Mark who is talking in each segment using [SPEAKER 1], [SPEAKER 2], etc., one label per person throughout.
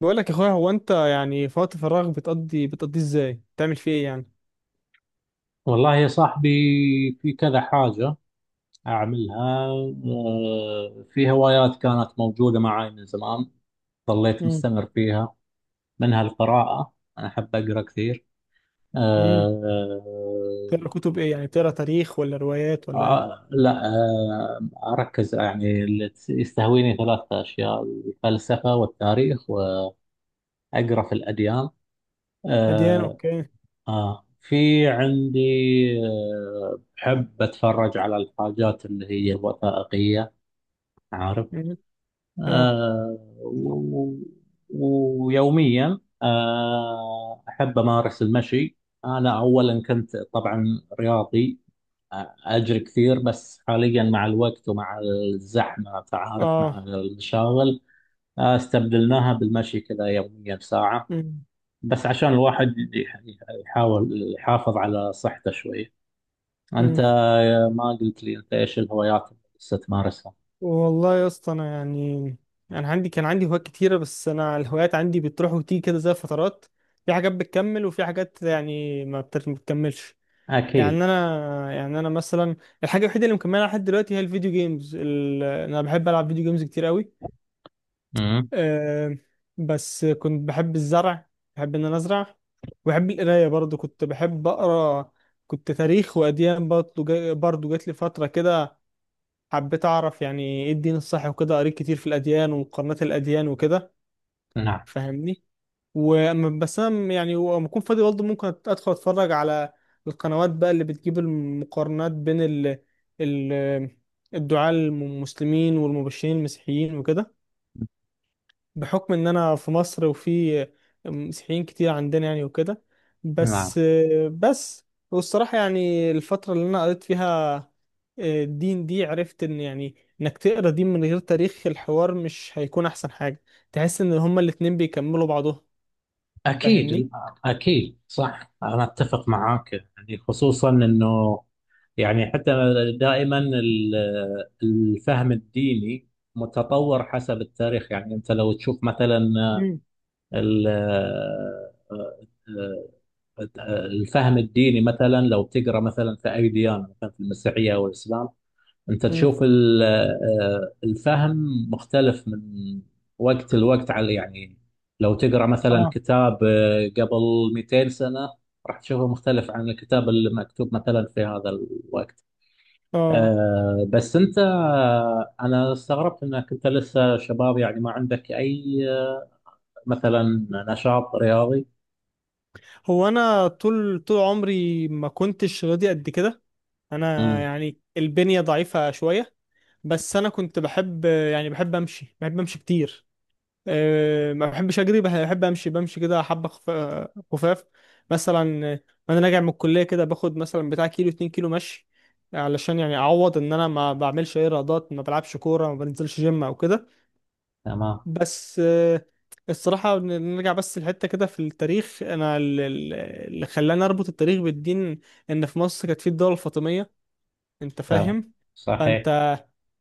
[SPEAKER 1] بقول لك يا اخويا، هو انت يعني في وقت فراغ بتقضيه ازاي، بتعمل فيه ايه يعني؟
[SPEAKER 2] والله يا صاحبي، في كذا حاجة أعملها. في هوايات كانت موجودة معي من زمان، ظليت
[SPEAKER 1] امم.
[SPEAKER 2] مستمر فيها. منها القراءة، أنا أحب أقرأ كثير.
[SPEAKER 1] امم.
[SPEAKER 2] آه،
[SPEAKER 1] بتقرا كتب ايه يعني؟ بتقرا تاريخ ولا روايات ولا ايه؟
[SPEAKER 2] لا، أركز يعني اللي يستهويني 3 أشياء: الفلسفة والتاريخ، وأقرأ في الأديان.
[SPEAKER 1] اديان،
[SPEAKER 2] آه،
[SPEAKER 1] اوكي.
[SPEAKER 2] في عندي. بحب أتفرج على الحاجات اللي هي الوثائقية، عارف.
[SPEAKER 1] امم. اه.
[SPEAKER 2] آه و- ويوميا أحب أمارس المشي. أنا أولا كنت طبعا رياضي، أجري كثير، بس حاليا مع الوقت ومع الزحمة تعارف مع
[SPEAKER 1] اه.
[SPEAKER 2] المشاغل، استبدلناها بالمشي كذا، يوميا ساعة،
[SPEAKER 1] امم.
[SPEAKER 2] بس عشان الواحد يحاول يحافظ على صحته شوي. أنت
[SPEAKER 1] امم.
[SPEAKER 2] ما قلت لي أنت إيش الهوايات اللي لسه تمارسها؟
[SPEAKER 1] والله يا اسطى، انا يعني انا عندي كان عندي هوايات كتيره، بس انا الهوايات عندي بتروح وتيجي كده زي فترات. في حاجات بتكمل وفي حاجات يعني ما بتكملش.
[SPEAKER 2] أكيد.
[SPEAKER 1] يعني انا مثلا، الحاجه الوحيده اللي مكملها لحد دلوقتي هي الفيديو جيمز انا بحب العب فيديو جيمز كتير قوي.
[SPEAKER 2] مم.
[SPEAKER 1] آه، بس كنت بحب الزرع، بحب ان انا ازرع، وبحب القرايه برضو، كنت بحب اقرا. كنت تاريخ واديان برضو جات لي فتره كده، حبيت اعرف يعني ايه الدين الصح وكده، قريت كتير في الاديان ومقارنات الاديان وكده.
[SPEAKER 2] نعم،
[SPEAKER 1] فاهمني؟ بس انا يعني لما اكون فاضي برضو ممكن ادخل اتفرج على القنوات بقى اللي بتجيب المقارنات بين ال ال الدعاة المسلمين والمبشرين المسيحيين وكده، بحكم ان انا في مصر، وفي مسيحيين كتير عندنا يعني وكده.
[SPEAKER 2] نعم.
[SPEAKER 1] بس بس والصراحة يعني الفترة اللي انا قريت فيها الدين دي، عرفت ان يعني انك تقرا دين من غير تاريخ الحوار مش هيكون احسن حاجة، تحس ان هما الاتنين بيكملوا بعضهم. فاهمني؟
[SPEAKER 2] أكيد، أكيد، صح، أنا أتفق معاك. يعني خصوصا أنه، يعني حتى، دائما الفهم الديني متطور حسب التاريخ. يعني أنت لو تشوف مثلا
[SPEAKER 1] مم.
[SPEAKER 2] ال- الفهم الديني، مثلا لو تقرأ مثلا في أي ديانة، مثلا في المسيحية أو الإسلام، انت
[SPEAKER 1] مم.
[SPEAKER 2] تشوف الفهم مختلف من وقت لوقت، على يعني لو تقرا مثلا
[SPEAKER 1] اه.
[SPEAKER 2] كتاب قبل 200 سنه، راح تشوفه مختلف عن الكتاب اللي مكتوب مثلا في هذا الوقت.
[SPEAKER 1] اه.
[SPEAKER 2] بس انت، انا استغربت انك انت لسه شباب، يعني ما عندك اي آه، مثلا نشاط رياضي.
[SPEAKER 1] هو انا طول عمري ما كنتش راضي قد كده، انا
[SPEAKER 2] امم.
[SPEAKER 1] يعني البنية ضعيفة شوية. بس انا كنت بحب، يعني بحب امشي كتير. ما بحبش اجري، بحب امشي، بمشي كده حبه خفاف مثلا. وانا راجع من الكليه كده باخد مثلا بتاع كيلو، 2 كيلو مشي، علشان يعني اعوض ان انا ما بعملش اي رياضات، ما بلعبش كوره، ما بنزلش جيم او كده.
[SPEAKER 2] تمام،
[SPEAKER 1] بس الصراحه نرجع بس لحته كده في التاريخ. انا اللي خلاني اربط التاريخ بالدين ان في مصر كانت في الدوله الفاطميه. انت
[SPEAKER 2] تمام.
[SPEAKER 1] فاهم؟
[SPEAKER 2] صحيح.
[SPEAKER 1] فانت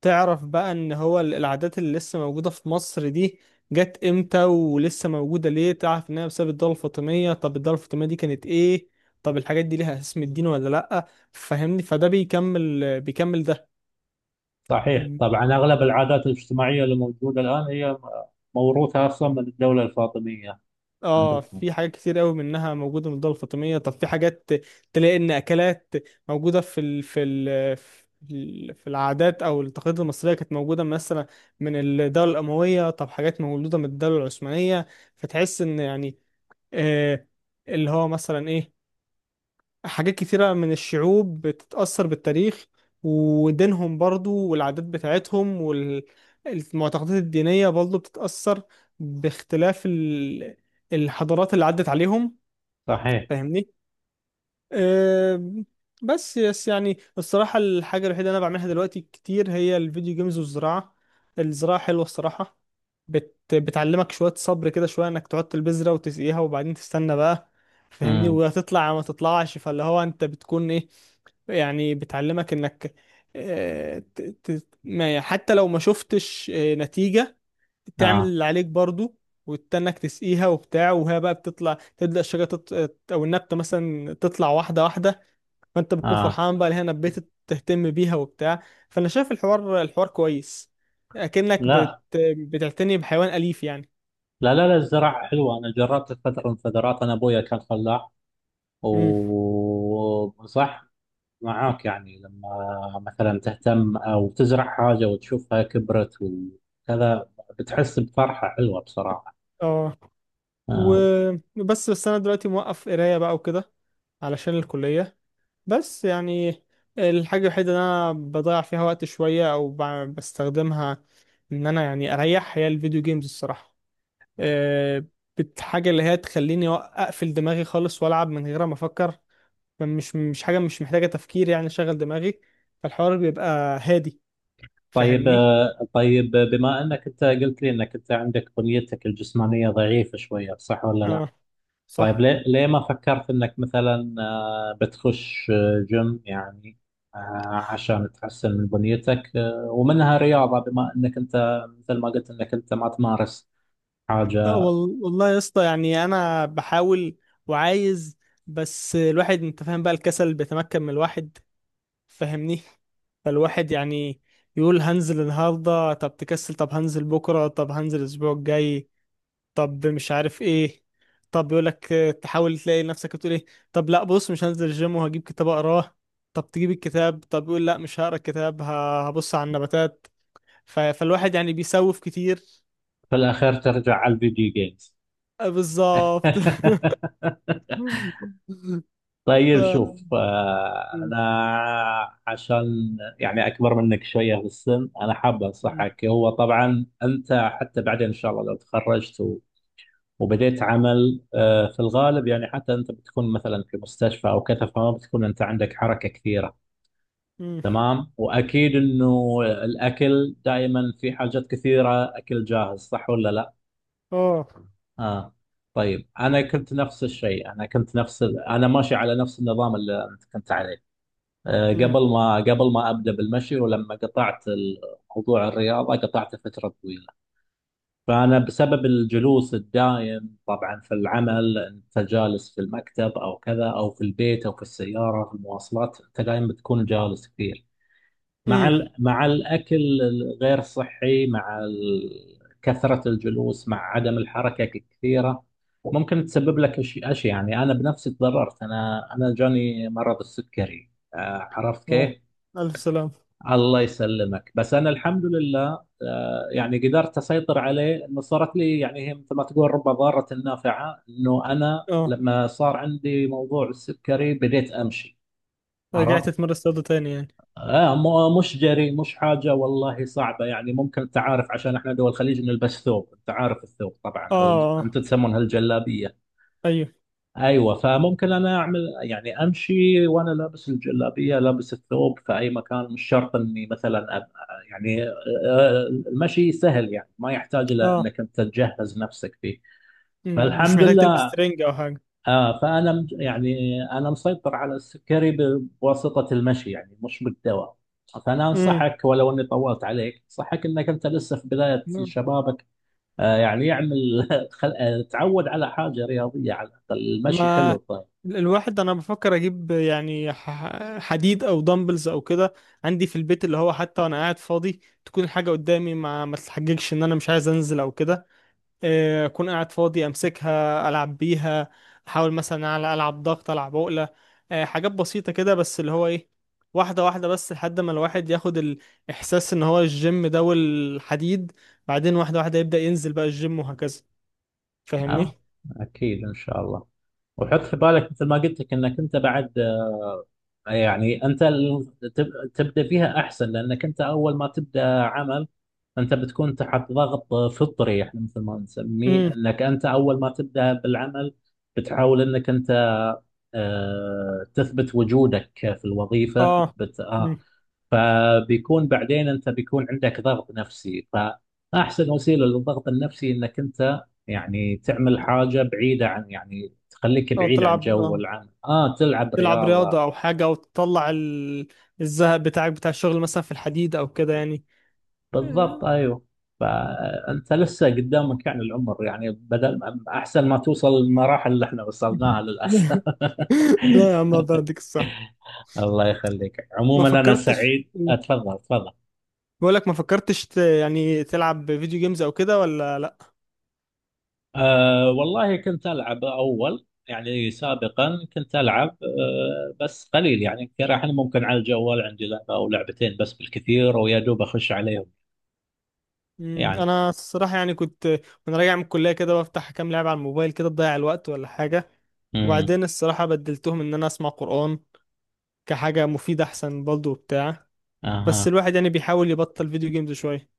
[SPEAKER 1] تعرف بقى ان هو العادات اللي لسه موجودة في مصر دي جت امتى، ولسه موجودة ليه، تعرف انها بسبب الدولة الفاطمية. طب الدولة الفاطمية دي كانت ايه؟ طب الحاجات دي ليها اسم الدين ولا لأ؟ فهمني، فده بيكمل ده.
[SPEAKER 2] صحيح،
[SPEAKER 1] م.
[SPEAKER 2] طبعا أغلب العادات الاجتماعية اللي موجودة الآن هي موروثة أصلا من الدولة الفاطمية.
[SPEAKER 1] اه،
[SPEAKER 2] عندكم.
[SPEAKER 1] في حاجات كتير قوي منها موجودة من الدولة الفاطمية. طب في حاجات تلاقي ان اكلات موجودة في في العادات او التقاليد المصرية، كانت موجودة مثلا من الدولة الأموية. طب حاجات مولودة من الدولة العثمانية. فتحس ان يعني آه، اللي هو مثلا ايه، حاجات كتيرة من الشعوب بتتأثر بالتاريخ، ودينهم برضو، والعادات بتاعتهم والمعتقدات الدينية برضو بتتأثر باختلاف الحضارات اللي عدت عليهم.
[SPEAKER 2] صحيح.
[SPEAKER 1] فاهمني؟ أم، بس يعني الصراحة الحاجة الوحيدة اللي أنا بعملها دلوقتي كتير هي الفيديو جيمز والزراعة. الزراعة حلوة الصراحة، بتعلمك شوية صبر كده، شوية إنك تحط البذرة وتسقيها وبعدين تستنى بقى. فاهمني؟
[SPEAKER 2] امم.
[SPEAKER 1] وهتطلع يا ما تطلعش، فاللي هو أنت بتكون إيه، يعني بتعلمك إنك ما يعني حتى لو ما شفتش نتيجة، تعمل
[SPEAKER 2] آه.
[SPEAKER 1] اللي عليك برضو، وتستناك تسقيها وبتاع، وهي بقى بتطلع، تبدأ الشجرة او النبتة مثلا تطلع واحدة واحدة. فانت بتكون
[SPEAKER 2] آه.
[SPEAKER 1] فرحان بقى، هنا بيت تهتم بيها وبتاع. فانا شايف الحوار، كويس، اكنك بت...
[SPEAKER 2] لا،
[SPEAKER 1] بتعتني بحيوان اليف يعني.
[SPEAKER 2] لا، لا، لا، الزراعة حلوة، أنا جربت فترة من الفترات، أنا أبويا كان فلاح،
[SPEAKER 1] امم.
[SPEAKER 2] وصح معاك يعني لما مثلا تهتم أو تزرع حاجة وتشوفها كبرت وكذا، بتحس بفرحة حلوة بصراحة.
[SPEAKER 1] اه.
[SPEAKER 2] آه.
[SPEAKER 1] وبس انا دلوقتي موقف قرايه بقى وكده علشان الكليه. بس يعني الحاجه الوحيده اللي انا بضيع فيها وقت شويه بستخدمها ان انا يعني اريح، هي الفيديو جيمز الصراحه. أه... حاجه اللي هي تخليني اقفل دماغي خالص والعب من غير ما افكر، مش حاجة، مش محتاجة تفكير يعني، شغل دماغي. فالحوار بيبقى هادي.
[SPEAKER 2] طيب،
[SPEAKER 1] فاهمني؟
[SPEAKER 2] طيب، بما انك انت قلت لي انك انت عندك بنيتك الجسمانيه ضعيفه شويه، صح ولا لا؟
[SPEAKER 1] اه.
[SPEAKER 2] طيب،
[SPEAKER 1] صح.
[SPEAKER 2] ليه ليه ما فكرت انك مثلا بتخش جيم يعني، عشان تحسن من بنيتك، ومنها رياضه، بما انك انت مثل ما قلت انك انت ما تمارس حاجه.
[SPEAKER 1] والله يا اسطى، يعني انا بحاول وعايز، بس الواحد انت فاهم بقى الكسل بيتمكن من الواحد. فاهمني؟ فالواحد يعني يقول هنزل النهارده، طب تكسل، طب هنزل بكره، طب هنزل الاسبوع الجاي، طب مش عارف ايه، طب يقول لك، تحاول تلاقي نفسك بتقول ايه، طب لا بص مش هنزل الجيم وهجيب كتاب اقراه، طب تجيب الكتاب، طب يقول لا مش هقرا الكتاب، هبص على النباتات. فالواحد يعني بيسوف كتير.
[SPEAKER 2] في الاخير ترجع على الفيديو جيمز.
[SPEAKER 1] بالظبط. ف
[SPEAKER 2] طيب شوف،
[SPEAKER 1] م-
[SPEAKER 2] أنا عشان يعني أكبر منك شوية في السن، أنا حاب
[SPEAKER 1] م-
[SPEAKER 2] أنصحك. هو طبعا أنت حتى بعدين إن شاء الله لو تخرجت وبديت عمل، في الغالب يعني حتى أنت بتكون مثلا في مستشفى أو كذا، فما بتكون أنت عندك حركة كثيرة.
[SPEAKER 1] م.
[SPEAKER 2] تمام. وأكيد إنه الأكل دائما، في حاجات كثيرة أكل جاهز، صح ولا لا؟
[SPEAKER 1] اه.
[SPEAKER 2] آه. طيب أنا كنت نفس الشيء، أنا كنت نفس ال... أنا ماشي على نفس النظام اللي أنت كنت عليه
[SPEAKER 1] م-
[SPEAKER 2] قبل ما ابدا بالمشي، ولما قطعت موضوع الرياضه، قطعته فتره طويله. فانا بسبب الجلوس الدائم طبعا في العمل، انت جالس في المكتب او كذا او في البيت او في السياره في المواصلات، انت دائما بتكون جالس كثير، مع
[SPEAKER 1] م.
[SPEAKER 2] الاكل الغير صحي، مع كثره الجلوس، مع عدم الحركه الكثيره، ممكن تسبب لك اشياء. يعني انا بنفسي تضررت، انا جاني مرض السكري، عرفت
[SPEAKER 1] اه.
[SPEAKER 2] كيف؟
[SPEAKER 1] الف سلام.
[SPEAKER 2] الله يسلمك، بس انا الحمد لله يعني قدرت اسيطر عليه، انه صارت لي يعني هي مثل ما تقول رب ضارة نافعة، انه انا
[SPEAKER 1] اه.
[SPEAKER 2] لما صار عندي موضوع السكري بديت امشي،
[SPEAKER 1] رجعت
[SPEAKER 2] عرفت.
[SPEAKER 1] اتمرن رياضة تاني يعني؟
[SPEAKER 2] آه مش جري، مش حاجة والله صعبة يعني. ممكن انت عارف، عشان احنا دول الخليج نلبس ثوب، انت عارف الثوب
[SPEAKER 1] اه.
[SPEAKER 2] طبعا، او
[SPEAKER 1] آه.
[SPEAKER 2] انتم تسمونها الجلابية.
[SPEAKER 1] ايوه.
[SPEAKER 2] ايوه، فممكن انا اعمل يعني امشي وانا لابس الجلابيه، لابس الثوب في اي مكان، مش شرط اني مثلا يعني، المشي سهل يعني، ما يحتاج الى
[SPEAKER 1] اه.
[SPEAKER 2] انك انت تجهز نفسك فيه،
[SPEAKER 1] م. مش
[SPEAKER 2] فالحمد
[SPEAKER 1] محتاج تلبس
[SPEAKER 2] لله.
[SPEAKER 1] ترنج او حاجة.
[SPEAKER 2] آه فانا يعني انا مسيطر على السكري بواسطه المشي، يعني مش بالدواء. فانا انصحك ولو اني طولت عليك، انصحك انك انت لسه في بدايه
[SPEAKER 1] م.
[SPEAKER 2] شبابك يعني يعمل خل... آه، تعود على حاجه رياضيه، على الاقل المشي
[SPEAKER 1] ما
[SPEAKER 2] حلو. طيب.
[SPEAKER 1] الواحد انا بفكر اجيب يعني حديد او دمبلز او كده عندي في البيت، اللي هو حتى وانا قاعد فاضي تكون الحاجه قدامي، ما تتحججش ان انا مش عايز انزل او كده. اكون قاعد فاضي امسكها العب بيها، احاول مثلا على العب ضغط، العب عقله. حاجات بسيطه كده، بس اللي هو ايه، واحده واحده، بس لحد ما الواحد ياخد الاحساس ان هو الجيم ده والحديد، بعدين واحده واحده يبدا ينزل بقى الجيم وهكذا.
[SPEAKER 2] اه
[SPEAKER 1] فاهمني؟
[SPEAKER 2] اكيد ان شاء الله. وحط في بالك مثل ما قلت لك انك انت بعد، يعني انت تبدا فيها احسن، لانك انت اول ما تبدا عمل انت بتكون تحت ضغط فطري، احنا مثل ما نسميه
[SPEAKER 1] امم.
[SPEAKER 2] انك انت اول ما تبدا بالعمل، بتحاول انك انت تثبت وجودك في الوظيفه،
[SPEAKER 1] اه.
[SPEAKER 2] تثبت فبيكون بعدين انت بيكون عندك ضغط نفسي. فاحسن وسيله للضغط النفسي انك انت يعني تعمل حاجه بعيده، عن يعني تخليك
[SPEAKER 1] او
[SPEAKER 2] بعيد عن جو العمل، اه تلعب
[SPEAKER 1] تلعب
[SPEAKER 2] رياضه.
[SPEAKER 1] رياضة او حاجة، او تطلع الزهق بتاعك بتاع الشغل مثلا في الحديد او كده يعني.
[SPEAKER 2] بالضبط
[SPEAKER 1] آه.
[SPEAKER 2] ايوه. فانت لسه قدامك يعني العمر، يعني بدل احسن ما توصل للمراحل اللي احنا وصلناها للاسف.
[SPEAKER 1] لا يا عم، الله يديك الصح.
[SPEAKER 2] الله يخليك،
[SPEAKER 1] ما
[SPEAKER 2] عموما انا
[SPEAKER 1] فكرتش.
[SPEAKER 2] سعيد، اتفضل تفضل.
[SPEAKER 1] بقولك ما فكرتش يعني تلعب فيديو جيمز او كده ولا لا؟
[SPEAKER 2] أه والله كنت ألعب أول يعني سابقا، كنت ألعب أه بس قليل يعني. الحين ممكن على الجوال عندي لعبة أو لعبتين بس بالكثير، ويا دوب أخش عليهم
[SPEAKER 1] مم.
[SPEAKER 2] يعني.
[SPEAKER 1] انا الصراحة يعني كنت، وانا راجع من الكلية كده، بفتح كام لعبة على الموبايل كده تضيع الوقت ولا حاجة.
[SPEAKER 2] امم.
[SPEAKER 1] وبعدين الصراحة بدلتهم ان انا اسمع قرآن كحاجة مفيدة احسن برضه وبتاع. بس
[SPEAKER 2] أها.
[SPEAKER 1] الواحد يعني بيحاول يبطل فيديو جيمز شوية.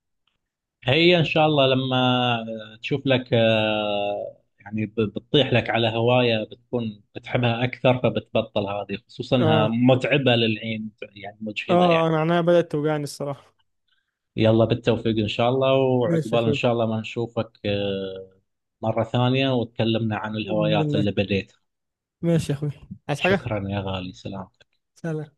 [SPEAKER 2] هي إن شاء الله لما تشوف لك أه يعني بتطيح لك على هواية بتكون بتحبها أكثر، فبتبطل هذه، خصوصا إنها
[SPEAKER 1] اه.
[SPEAKER 2] متعبة للعين، يعني مجهدة
[SPEAKER 1] اه
[SPEAKER 2] يعني.
[SPEAKER 1] انا عينيا بدأت توجعني الصراحة.
[SPEAKER 2] يلا بالتوفيق إن شاء الله،
[SPEAKER 1] ماشي يا
[SPEAKER 2] وعقبال إن
[SPEAKER 1] اخوي.
[SPEAKER 2] شاء الله ما نشوفك مرة ثانية وتكلمنا عن
[SPEAKER 1] باذن
[SPEAKER 2] الهوايات
[SPEAKER 1] الله.
[SPEAKER 2] اللي بديتها.
[SPEAKER 1] ماشي يا اخوي. عايز حاجة؟
[SPEAKER 2] شكرا يا غالي، سلام.
[SPEAKER 1] سلام.